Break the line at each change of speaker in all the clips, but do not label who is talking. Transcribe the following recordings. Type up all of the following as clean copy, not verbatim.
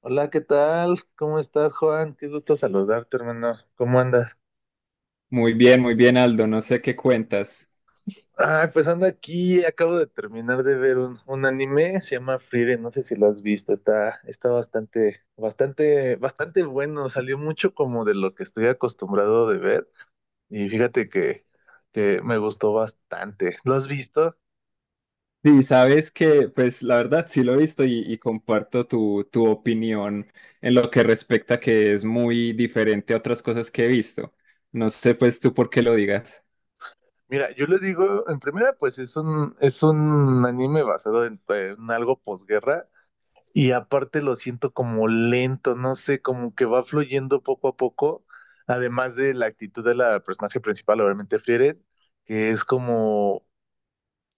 Hola, ¿qué tal? ¿Cómo estás, Juan? Qué gusto saludarte, hermano. ¿Cómo andas?
Muy bien, Aldo. No sé qué cuentas.
Ah, pues ando aquí, acabo de terminar de ver un anime, se llama Frieren, no sé si lo has visto, está bastante, bastante, bastante bueno, salió mucho como de lo que estoy acostumbrado de ver y fíjate que me gustó bastante. ¿Lo has visto?
Sí, sabes que, pues la verdad sí lo he visto y comparto tu opinión en lo que respecta que es muy diferente a otras cosas que he visto. No sé, pues tú por qué lo digas.
Mira, yo le digo, en primera, pues es un anime basado en algo posguerra. Y aparte lo siento como lento, no sé, como que va fluyendo poco a poco, además de la actitud de la personaje principal, obviamente Frieren, que es como,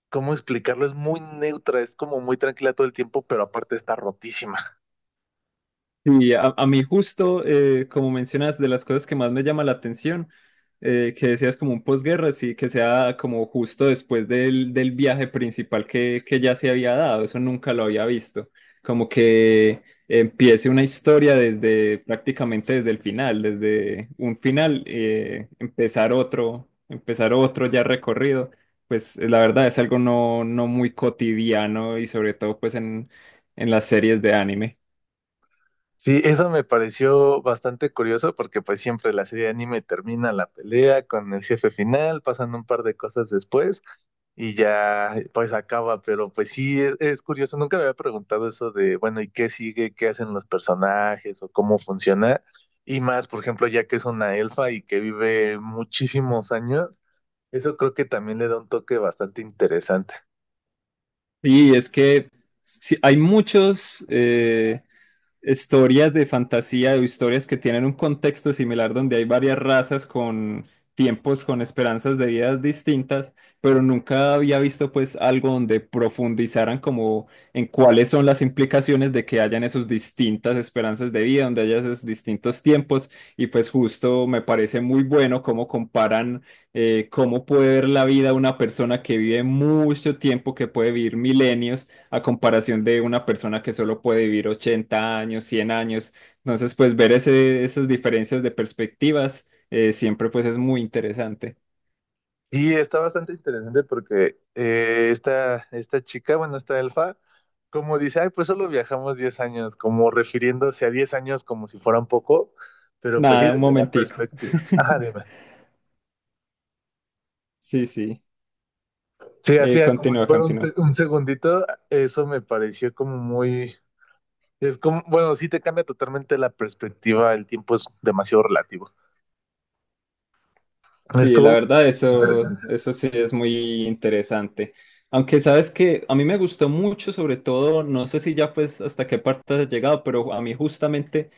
¿cómo explicarlo? Es muy neutra, es como muy tranquila todo el tiempo, pero aparte está rotísima.
Y a mí justo, como mencionas, de las cosas que más me llama la atención, que decías como un posguerra, sí, que sea como justo después del viaje principal que ya se había dado, eso nunca lo había visto, como que empiece una historia desde prácticamente desde el final, desde un final, empezar otro, ya recorrido, pues la verdad es algo no muy cotidiano y sobre todo pues en, las series de anime.
Sí, eso me pareció bastante curioso porque pues siempre la serie de anime termina la pelea con el jefe final, pasan un par de cosas después y ya pues acaba, pero pues sí, es curioso, nunca me había preguntado eso de, bueno, ¿y qué sigue? ¿Qué hacen los personajes o cómo funciona? Y más, por ejemplo, ya que es una elfa y que vive muchísimos años, eso creo que también le da un toque bastante interesante.
Sí, es que sí, hay muchos historias de fantasía o historias que tienen un contexto similar donde hay varias razas con tiempos, con esperanzas de vidas distintas, pero nunca había visto pues algo donde profundizaran como en cuáles son las implicaciones de que hayan esas distintas esperanzas de vida, donde haya esos distintos tiempos y pues justo me parece muy bueno cómo comparan cómo puede ver la vida una persona que vive mucho tiempo, que puede vivir milenios a comparación de una persona que solo puede vivir 80 años, 100 años. Entonces, pues ver esas diferencias de perspectivas siempre pues es muy interesante.
Y está bastante interesante porque esta chica, bueno, esta elfa, como dice, ay, pues solo viajamos 10 años, como refiriéndose a 10 años como si fueran poco, pero pues sí,
Nada, un
desde la
momentico.
perspectiva. Ajá, dime.
Sí, sí.
Sí, hacía como si
Continúa,
fuera un, se-
continúa.
un segundito, eso me pareció como muy... Es como, bueno, sí te cambia totalmente la perspectiva, el tiempo es demasiado relativo.
Sí, la
Estuvo
verdad, eso,
interesante.
eso sí es muy interesante. Aunque sabes que a mí me gustó mucho, sobre todo, no sé si ya pues hasta qué parte has llegado, pero a mí justamente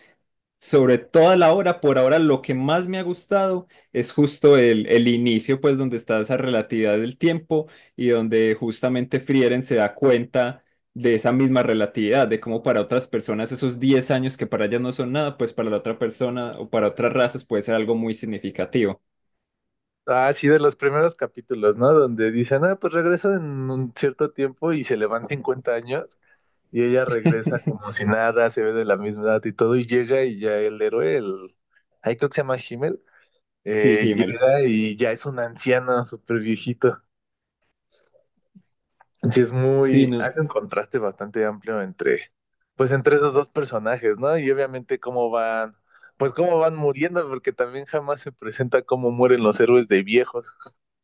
sobre toda la obra, por ahora lo que más me ha gustado es justo el inicio, pues donde está esa relatividad del tiempo y donde justamente Frieren se da cuenta de esa misma relatividad, de cómo para otras personas esos 10 años que para ellas no son nada, pues para la otra persona o para otras razas puede ser algo muy significativo.
Ah, sí, de los primeros capítulos, ¿no? Donde dicen, ah, pues regresa en un cierto tiempo y se le van 50 años y ella regresa como si nada, se ve de la misma edad y todo, y llega y ya el héroe, el... ahí creo que se llama Himmel,
Sí, Himmel.
llega y ya es un anciano súper viejito. Sí, es
Sí,
muy,
no.
hace un contraste bastante amplio entre, pues entre esos dos personajes, ¿no? Y obviamente cómo van, pues cómo van muriendo, porque también jamás se presenta cómo mueren los héroes de viejos.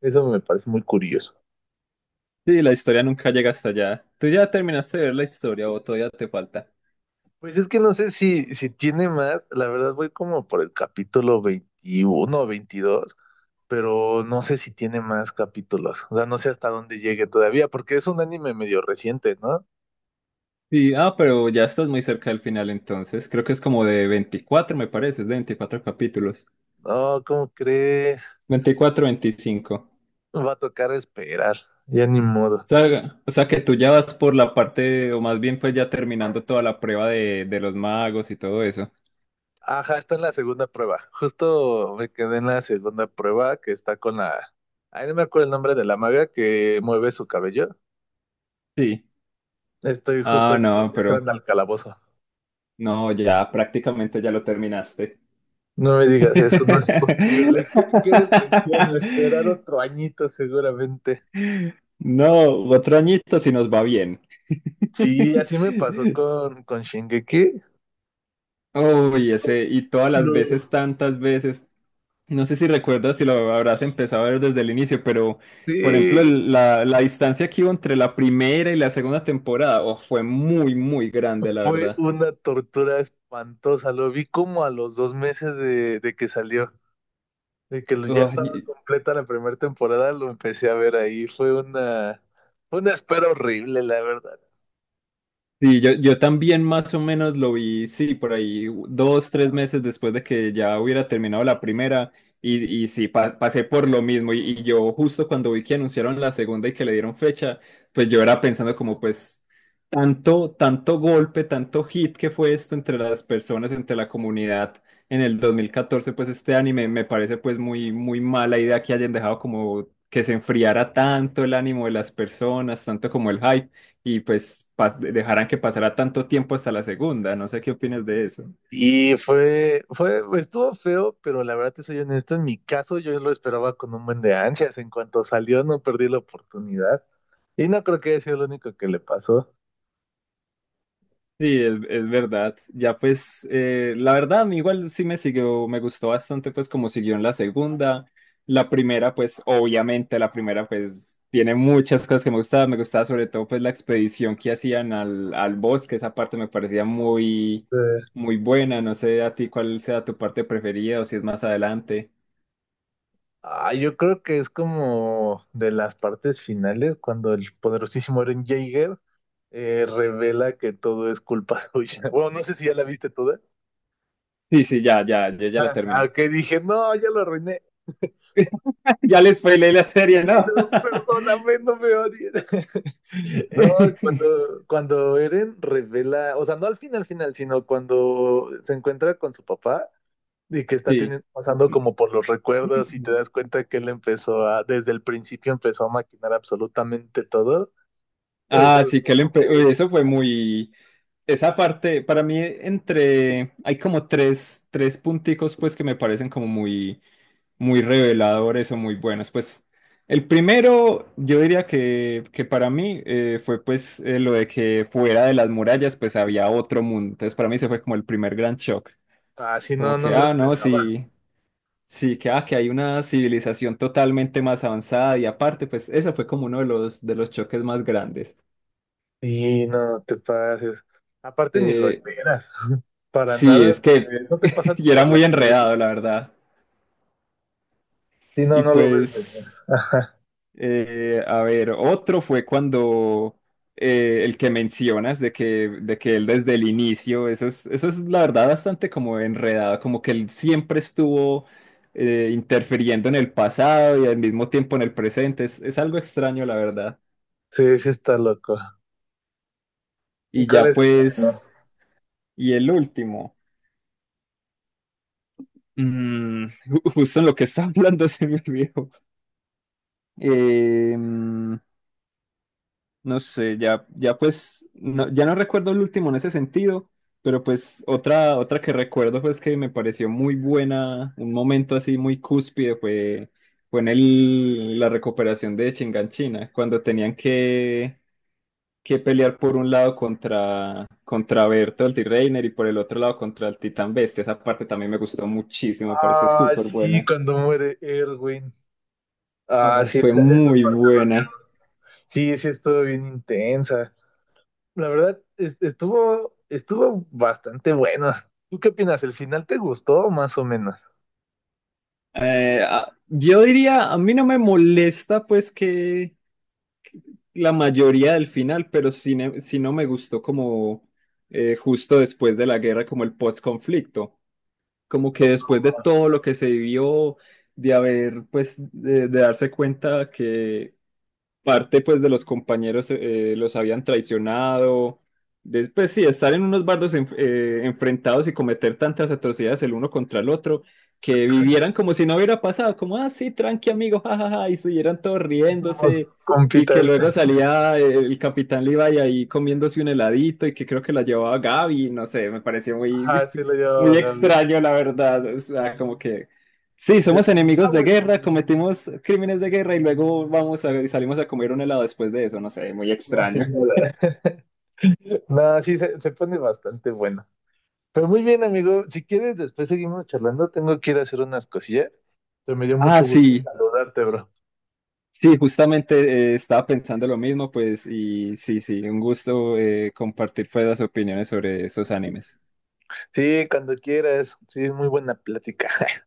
Eso me parece muy curioso.
Sí, la historia nunca llega hasta allá. ¿Tú ya terminaste de ver la historia o todavía te falta?
Pues es que no sé si tiene más, la verdad voy como por el capítulo 21 o 22, pero no sé si tiene más capítulos, o sea, no sé hasta dónde llegue todavía, porque es un anime medio reciente, ¿no?
Sí, ah, pero ya estás muy cerca del final entonces. Creo que es como de 24, me parece, es de 24 capítulos.
No, ¿cómo crees?
24, 25.
Va a tocar esperar, ya ni modo.
O sea, que tú ya vas por la parte, o más bien pues ya terminando toda la prueba de los magos y todo eso.
Ajá, está en la segunda prueba. Justo me quedé en la segunda prueba que está con la... Ay, no me acuerdo el nombre de la maga que mueve su cabello.
Sí.
Estoy justo
Ah, no, pero
entrando al calabozo.
no, ya prácticamente ya lo terminaste.
No me digas eso, no es posible. Qué depresión, a esperar otro añito seguramente.
No, otro añito si nos va bien.
Sí, así me pasó con Shingeki.
Uy, ese, y todas las
No.
veces, tantas veces. No sé si recuerdas si lo habrás empezado a ver desde el inicio, pero por ejemplo,
Sí,
la distancia que hubo entre la primera y la segunda temporada, oh, fue muy, muy grande, la
fue
verdad.
una tortura espantosa. Lo vi como a los 2 meses de que salió. De que ya
Oh,
estaba completa la primera temporada, lo empecé a ver ahí. Fue una espera horrible, la verdad.
sí, yo también más o menos lo vi, sí, por ahí dos, tres meses después de que ya hubiera terminado la primera y, sí, pasé por lo mismo y yo justo cuando vi que anunciaron la segunda y que le dieron fecha, pues yo era pensando como pues tanto, tanto golpe, tanto hit que fue esto entre las personas, entre la comunidad en el 2014 pues este anime me parece pues muy, muy mala idea que hayan dejado como que se enfriara tanto el ánimo de las personas, tanto como el hype y pues dejaran que pasara tanto tiempo hasta la segunda. No sé qué opinas de eso.
Y estuvo feo, pero la verdad te soy honesto, en mi caso yo lo esperaba con un buen de ansias. En cuanto salió, no perdí la oportunidad. Y no creo que haya sido lo único que le pasó.
Sí, es verdad. Ya pues, la verdad, a mí igual sí me siguió, me gustó bastante pues como siguió en la segunda. La primera, pues obviamente la primera pues tiene muchas cosas que me gustaban. Me gustaba sobre todo pues la expedición que hacían al bosque. Esa parte me parecía muy,
Eh,
muy buena. No sé a ti cuál sea tu parte preferida o si es más adelante.
ah, yo creo que es como de las partes finales, cuando el poderosísimo Eren Jaeger revela que todo es culpa suya. Bueno, no sé si ya la viste toda.
Sí, sí, ya, ya, yo ya la
Ah, ah,
terminé.
que dije, no, ya lo arruiné.
Ya les spoilé la serie,
Sí, no,
¿no?
perdóname, no me odies. No, cuando Eren revela, o sea, no al final, final, sino cuando se encuentra con su papá y que está
Sí.
pasando como por los recuerdos y te das cuenta que él desde el principio empezó a maquinar absolutamente todo. Eso
Ah,
es
sí, que le
como
uy,
que
eso fue muy... Esa parte, para mí, entre... Hay como tres punticos, pues, que me parecen como muy, muy reveladores o muy buenos. Pues, el primero, yo diría que para mí fue, pues, lo de que fuera de las murallas, pues, había otro mundo. Entonces, para mí, se fue como el primer gran shock.
así
Como
no, no
que,
lo
ah, no,
esperaba.
sí. Sí, que, ah, que hay una civilización totalmente más avanzada y aparte, pues eso fue como uno de los choques más grandes.
Y no te pases. Aparte ni lo
Eh,
esperas. Para
sí,
nada,
es que
no te pasa
y era
por la
muy
cabeza.
enredado, la verdad.
Sí, no,
Y
no lo ves
pues,
venir. Ajá.
a ver, otro fue cuando el que mencionas de que él desde el inicio, eso es la verdad bastante como enredado, como que él siempre estuvo interfiriendo en el pasado y al mismo tiempo en el presente. Es algo extraño, la verdad.
Sí, sí está loco. ¿Y
Y
cuál
ya
es el
pues...
último?
Y el último, justo en lo que estaba hablando se me olvidó. Eh, mm, no sé, ya, ya pues, ya no recuerdo el último en ese sentido, pero pues otra que recuerdo pues que me pareció muy buena, un momento así muy cúspide fue en la recuperación de Chinganchina, cuando tenían que pelear por un lado contra Berto el reiner y por el otro lado contra el Titán Bestia. Esa parte también me gustó muchísimo, me pareció
Ah,
súper
sí,
buena.
cuando muere Erwin. Ah,
Ah,
sí,
fue
esa
muy
parte.
buena.
Sí, sí, estuvo bien intensa. La verdad, estuvo bastante bueno. ¿Tú qué opinas? ¿El final te gustó más o menos?
Ah, yo diría, a mí no me molesta pues que la mayoría del final, pero sí, sí no me gustó como justo después de la guerra, como el post-conflicto, como que
No,
después de todo lo que se vivió, de haber pues, de darse cuenta que parte pues de los compañeros los habían traicionado. Después sí, estar en unos bardos enfrentados y cometer tantas atrocidades el uno contra el otro, que vivieran como si no hubiera pasado, como, ah, sí, tranqui amigo, jajaja, y estuvieran todos
somos
riéndose, y que
compitas.
luego salía el capitán Levi ahí comiéndose un heladito y que creo que la llevaba Gaby, no sé, me pareció
Ajá,
muy,
sí lo llevaba
muy
Gaby.
extraño, la verdad, o sea, como que... Sí,
Sí.
somos
Ah,
enemigos de
bueno.
guerra, cometimos crímenes de guerra y luego y salimos a comer un helado después de eso, no sé, muy
No, sí,
extraño.
nada. No, sí, se pone bastante bueno. Pero muy bien, amigo. Si quieres, después seguimos charlando. Tengo que ir a hacer unas cosillas. Pero me dio
Ah,
mucho gusto
sí,
saludarte, bro.
sí, justamente estaba pensando lo mismo, pues, y sí, sí, un gusto compartir pues, las opiniones sobre esos animes.
Sí, cuando quieras. Sí, muy buena plática.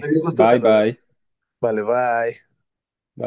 Me dio gusto
bye,
saludarte.
bye,
Vale, bye.
bye.